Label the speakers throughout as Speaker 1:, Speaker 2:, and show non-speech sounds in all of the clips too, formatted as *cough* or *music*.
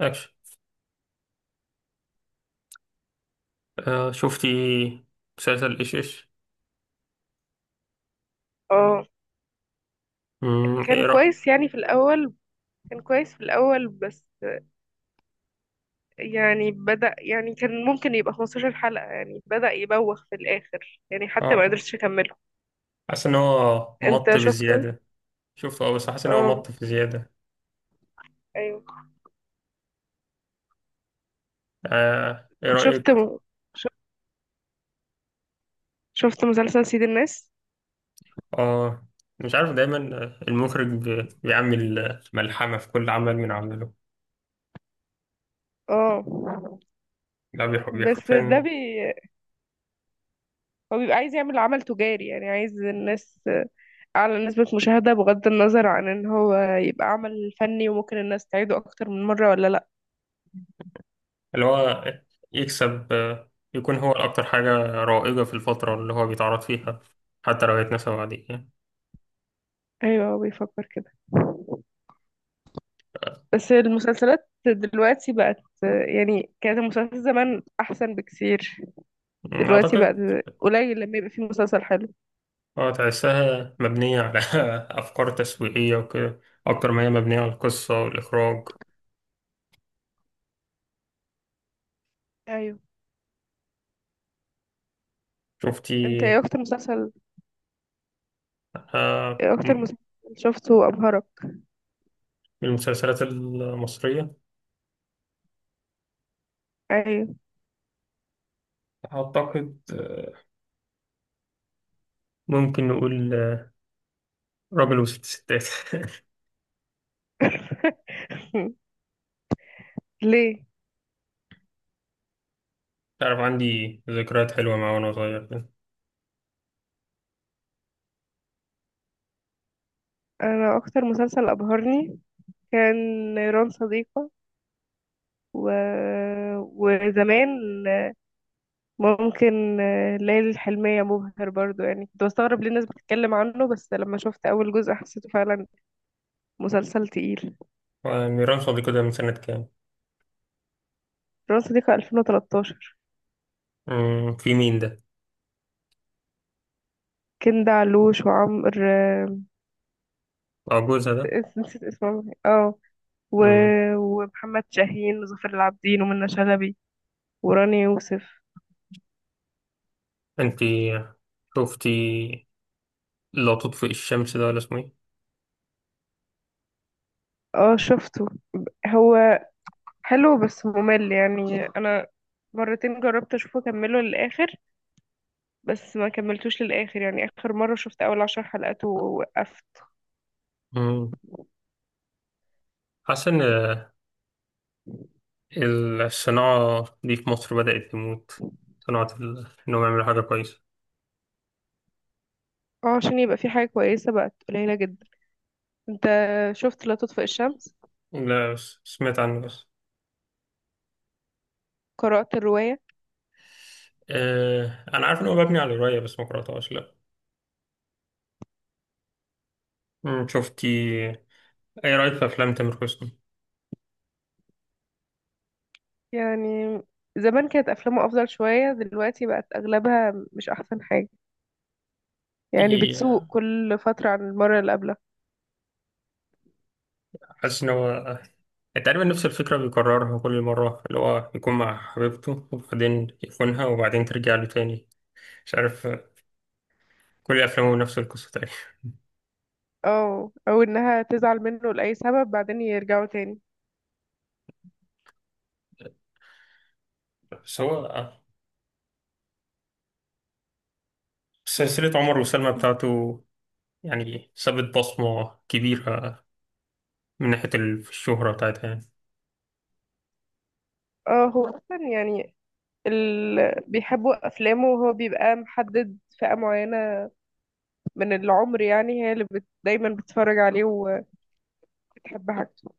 Speaker 1: اكشن. شفتي مسلسل ايش؟
Speaker 2: اه. كان
Speaker 1: ايه رأيك؟
Speaker 2: كويس يعني في الأول كان كويس في الأول بس يعني بدأ يعني كان ممكن يبقى 15 حلقة، يعني بدأ يبوخ في الآخر يعني حتى ما
Speaker 1: اه،
Speaker 2: قدرتش أكمله.
Speaker 1: حاسس ان هو مط
Speaker 2: أنت شفته؟
Speaker 1: بزيادة. شفته اه، بس حاسس ان هو
Speaker 2: اه،
Speaker 1: مط بزيادة.
Speaker 2: أيوه.
Speaker 1: ايه
Speaker 2: شفت
Speaker 1: رأيك؟
Speaker 2: م... ش- شفت مسلسل سيد الناس؟
Speaker 1: اه، مش عارف. دايما المخرج بيعمل ملحمة في كل عمل من عمله
Speaker 2: اه.
Speaker 1: ده.
Speaker 2: بس ده
Speaker 1: بيحفن.
Speaker 2: بي... هو بيبقى عايز يعمل عمل تجاري، يعني عايز الناس أعلى نسبة مشاهدة بغض النظر عن إن هو يبقى عمل فني وممكن الناس تعيده أكتر من مرة ولا لأ.
Speaker 1: اللي هو يكسب، يكون هو أكتر حاجة رائجة في الفترة اللي هو بيتعرض فيها، حتى لو هيتنسى بعدين يعني.
Speaker 2: أيوه، هو بيفكر كده. بس المسلسلات دلوقتي بقت، يعني كانت المسلسلات زمان احسن بكثير، دلوقتي بقت
Speaker 1: أعتقد.
Speaker 2: قليل لما يبقى فيه مسلسل حلو.
Speaker 1: اه، تحسها مبنية على *laughs* أفكار تسويقية وكده أكتر ما هي مبنية على القصة والإخراج.
Speaker 2: ايوه.
Speaker 1: شفتي؟
Speaker 2: انت ايه اكتر مسلسل
Speaker 1: آه،
Speaker 2: ايه اكتر
Speaker 1: من
Speaker 2: مسلسل شفته ابهرك؟
Speaker 1: المسلسلات المصرية
Speaker 2: ايوه.
Speaker 1: أعتقد، ممكن نقول، راجل وست ستات *laughs*
Speaker 2: *laughs* ليه؟
Speaker 1: تعرف عندي ذكريات حلوة معاه وأنا صغير كده.
Speaker 2: انا اكتر مسلسل ابهرني كان نيران صديقة. و... وزمان ممكن ليالي الحلمية مبهر برضو، يعني كنت بستغرب ليه الناس بتتكلم عنه بس لما شفت اول جزء حسيته فعلا مسلسل تقيل.
Speaker 1: ميران صديقي ده من سنة كام؟
Speaker 2: رأس دي في 2013.
Speaker 1: في مين ده؟
Speaker 2: كندا علوش وعمر، آه،
Speaker 1: أه، جوزها ده؟
Speaker 2: نسيت اسمه اه. و...
Speaker 1: مم.
Speaker 2: ومحمد شاهين وظافر العابدين ومنى شلبي وراني يوسف.
Speaker 1: أنتي شفتي لا تطفئ الشمس ده ولا اسمه إيه؟
Speaker 2: اه شفته، هو حلو بس ممل، يعني انا مرتين جربت اشوفه اكمله للاخر بس ما كملتوش للاخر، يعني اخر مرة شفت اول عشر حلقات ووقفت.
Speaker 1: مم. حاسس إن الصناعة دي في مصر بدأت تموت، صناعة إنهم يعملوا حاجة كويسة.
Speaker 2: اه، عشان يبقى في حاجة كويسة بقت قليلة جدا. انت شفت لا تطفئ الشمس؟
Speaker 1: لا، بس سمعت عنه بس.
Speaker 2: قرأت الرواية.
Speaker 1: أه، أنا عارف إن هو مبني على رواية بس ما قرأتهاش، لأ. شفتي أي رأيك في أفلام تامر حسني؟
Speaker 2: يعني زمان كانت أفلامه أفضل شوية، دلوقتي بقت أغلبها مش أحسن حاجة،
Speaker 1: دي،
Speaker 2: يعني بتسوء كل فترة عن المرة اللي قبلها.
Speaker 1: حاسس إن هو تقريبا نفس الفكرة بيكررها كل مرة، اللي هو يكون مع حبيبته وبعدين يخونها وبعدين ترجع له تاني. مش عارف، كل أفلامه نفس القصة تقريبا.
Speaker 2: اه، أو إنها تزعل منه لأي سبب بعدين يرجعوا تاني.
Speaker 1: بس هو، سلسلة عمر وسلمى بتاعته يعني سابت بصمة كبيرة من ناحية الشهرة بتاعتها يعني.
Speaker 2: اه هو أصلا يعني بيحبوا أفلامه، وهو بيبقى محدد فئة معينة من العمر، يعني هي دايما بتتفرج عليه وبتحب حاجته.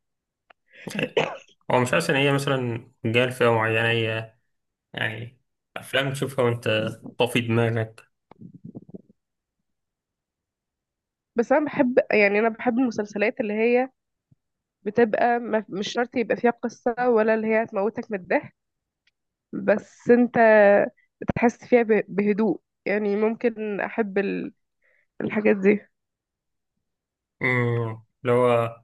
Speaker 1: هو مش حاسس إن هي مثلا جاية لفئة معينة هي؟ يعني أفلام تشوفها وأنت طافي دماغك.
Speaker 2: بس أنا بحب المسلسلات اللي هي بتبقى ما... مش شرط يبقى فيها قصة، ولا اللي هي هتموتك من الضحك، بس انت بتحس فيها بهدوء. يعني ممكن احب الحاجات دي.
Speaker 1: أمم، اللي هو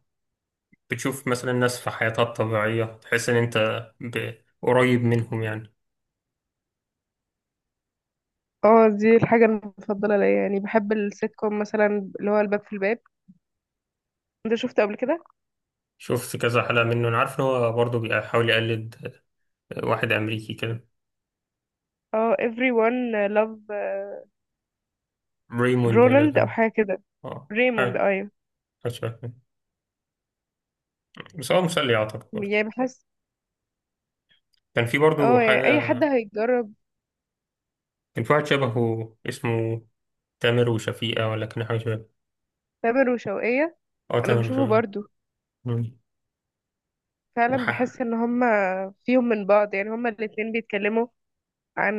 Speaker 1: بتشوف مثلا ناس في حياتها الطبيعية تحس إن أنت ب- قريب منهم يعني.
Speaker 2: اه دي الحاجة المفضلة ليا، يعني بحب السيت كوم مثلا اللي هو الباب في الباب. انت شفته قبل كده؟
Speaker 1: شفت كذا حلقة منه، أنا عارف إن هو برضه بيحاول يقلد واحد أمريكي كده.
Speaker 2: اه everyone love،
Speaker 1: ريموند ولا
Speaker 2: رونالد او
Speaker 1: كان؟
Speaker 2: حاجة كده.
Speaker 1: آه،
Speaker 2: ريموند،
Speaker 1: حاجة.
Speaker 2: ايوه.
Speaker 1: حاجة شبه كده. بس هو مسلي أعتقد برضه.
Speaker 2: يعني بحس،
Speaker 1: كان في برضه
Speaker 2: اه يعني اي
Speaker 1: حاجة.
Speaker 2: حد هيجرب.
Speaker 1: كان في واحد شبهه اسمه تامر وشفيقة، ولا كان حاجة شبه؟
Speaker 2: تامر وشوقية.
Speaker 1: اه،
Speaker 2: انا
Speaker 1: تامر
Speaker 2: بشوفه
Speaker 1: وشفيقة.
Speaker 2: برضو،
Speaker 1: مم.
Speaker 2: فعلا بحس
Speaker 1: ح-
Speaker 2: ان هما فيهم من بعض، يعني هما الاتنين بيتكلموا عن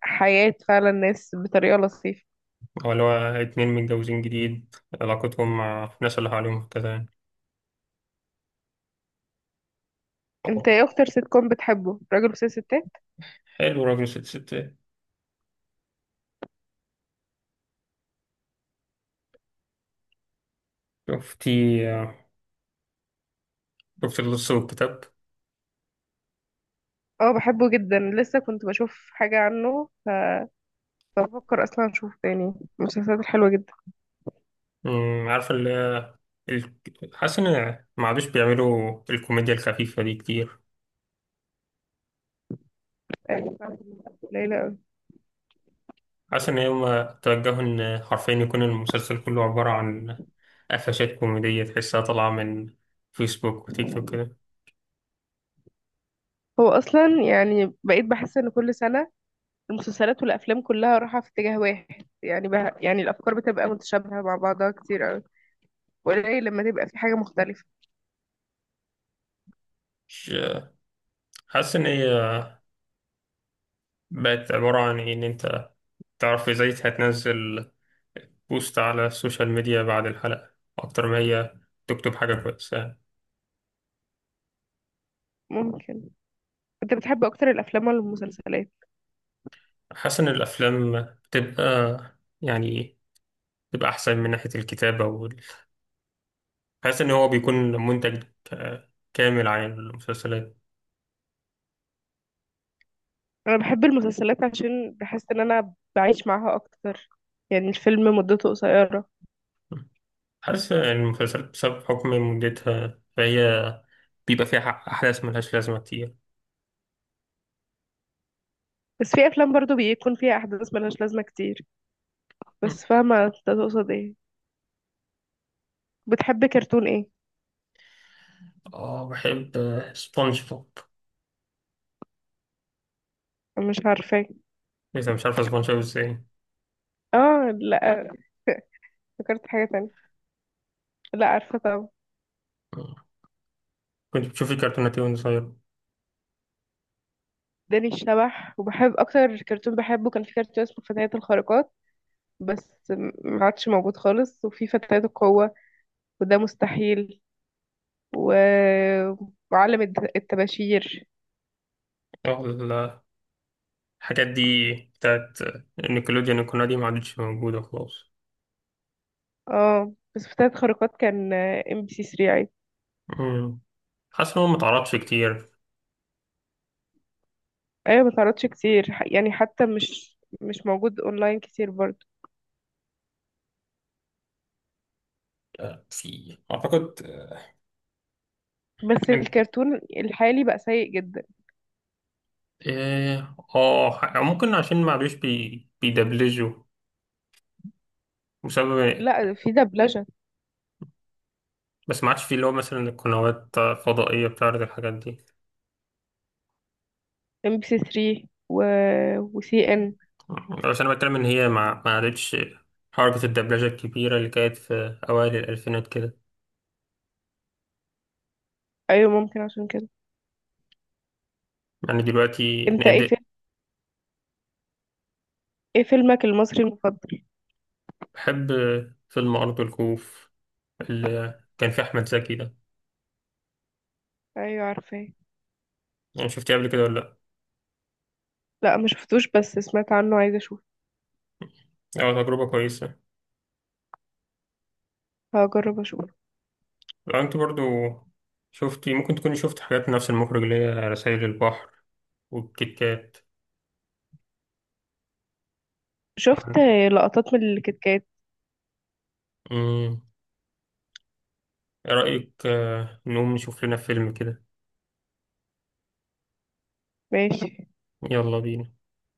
Speaker 2: حياة فعلا الناس بطريقة لطيفة.
Speaker 1: هو اللي هو اتنين متجوزين جديد، علاقتهم مع الناس اللي حواليهم كده يعني.
Speaker 2: انت ايه اكتر سيت كوم بتحبه؟ راجل وست ستات.
Speaker 1: حلو راجل ست ست. شفتي؟ شفت اللص والكتاب؟
Speaker 2: اه بحبه جدا، لسه كنت بشوف حاجة عنه، بفكر اصلا اشوف تاني. المسلسلات الحلوة جدا
Speaker 1: عارفة ال- حاسس إن ما عادوش بيعملوا الكوميديا الخفيفة دي كتير.
Speaker 2: قليلة اوي.
Speaker 1: حاسس إن هما توجهوا إن حرفيا يكون المسلسل كله عبارة عن قفشات كوميدية تحسها طالعة من فيسبوك وتيك توك كده.
Speaker 2: هو اصلا يعني بقيت بحس ان كل سنة المسلسلات والافلام كلها رايحة في اتجاه واحد، يعني بها يعني الافكار بتبقى متشابهة مع بعضها كتير اوي، وقليل لما تبقى في حاجة مختلفة.
Speaker 1: مش حاسس إن هي بقت عبارة عن إيه؟ إن أنت تعرف إزاي هتنزل بوست على السوشيال ميديا بعد الحلقة، أكتر ما هي تكتب حاجة كويسة.
Speaker 2: ممكن. انت بتحب اكتر الافلام ولا المسلسلات؟
Speaker 1: حاسس إن الأفلام بتبقى يعني بتبقى أحسن من ناحية الكتابة وال... حاسس إن هو بيكون منتج كامل عن المسلسلات.
Speaker 2: انا بحب المسلسلات عشان بحس ان انا بعيش معاها اكتر، يعني الفيلم مدته قصيرة.
Speaker 1: حاسس إن المسلسلات بسبب حكم مدتها فهي بيبقى فيها أحداث ملهاش لازمة كتير.
Speaker 2: بس في افلام برضو بيكون فيها احداث ملهاش لازمه كتير، بس فاهمه انت تقصد ايه. بتحب كرتون ايه؟
Speaker 1: اه، بحب سبونج بوب.
Speaker 2: أنا مش عارفاه.
Speaker 1: إذا مش عارفة سبونج بوب إزاي
Speaker 2: اه لا، فكرت حاجه تانية، لا عارفه طبعا.
Speaker 1: كنت بتشوف الكرتونات دي وأنت صغير؟
Speaker 2: داني الشبح، وبحب اكتر كرتون بحبه كان في كرتون اسمه فتيات الخارقات، بس ما عادش موجود خالص، وفي فتيات القوه وده مستحيل. و... وعالم الطباشير.
Speaker 1: آه، ال- الحاجات دي بتاعت نيكلوديان، القناة دي ما عادتش موجودة خلاص.
Speaker 2: اه بس فتيات الخارقات كان ام بي سي 3 عادي.
Speaker 1: مم. حاسس إن هو ما اتعرضش كتير.
Speaker 2: ايوه ما تعرضش كتير، يعني حتى مش موجود اونلاين كتير برضه.
Speaker 1: في أعتقد
Speaker 2: بس الكرتون الحالي بقى سيء جدا.
Speaker 1: إيه، ممكن عشان ما عادوش بيدبلجوا بسبب.
Speaker 2: لا في دبلجة.
Speaker 1: بس ما عادش في اللي هو مثلا القنوات الفضائية بتعرض الحاجات دي.
Speaker 2: ام بي سي 3، وسي ان.
Speaker 1: بس أنا بتكلم إن هي ما عادتش حركة الدبلجة الكبيرة اللي كانت في أوائل الألفينات كده،
Speaker 2: ايوه ممكن عشان كده.
Speaker 1: يعني دلوقتي.
Speaker 2: انت ايه فيلمك المصري المفضل؟
Speaker 1: بحب فيلم أرض الخوف اللي كان فيه أحمد زكي ده.
Speaker 2: ايوه عارفاه.
Speaker 1: يعني شفتيه قبل كده ولا لأ؟
Speaker 2: لا ما شفتوش بس سمعت عنه، عايزه اشوف.
Speaker 1: أه، تجربة كويسة.
Speaker 2: هجرب اشوف.
Speaker 1: لو أنت برضو شفتي، ممكن تكوني شفت حاجات نفس المخرج اللي هي رسائل البحر والكيت كات.
Speaker 2: شفت لقطات من الكتكات.
Speaker 1: أمم، إيه رأيك، نقوم نشوف لنا فيلم كده؟
Speaker 2: ماشي.
Speaker 1: يلا بينا.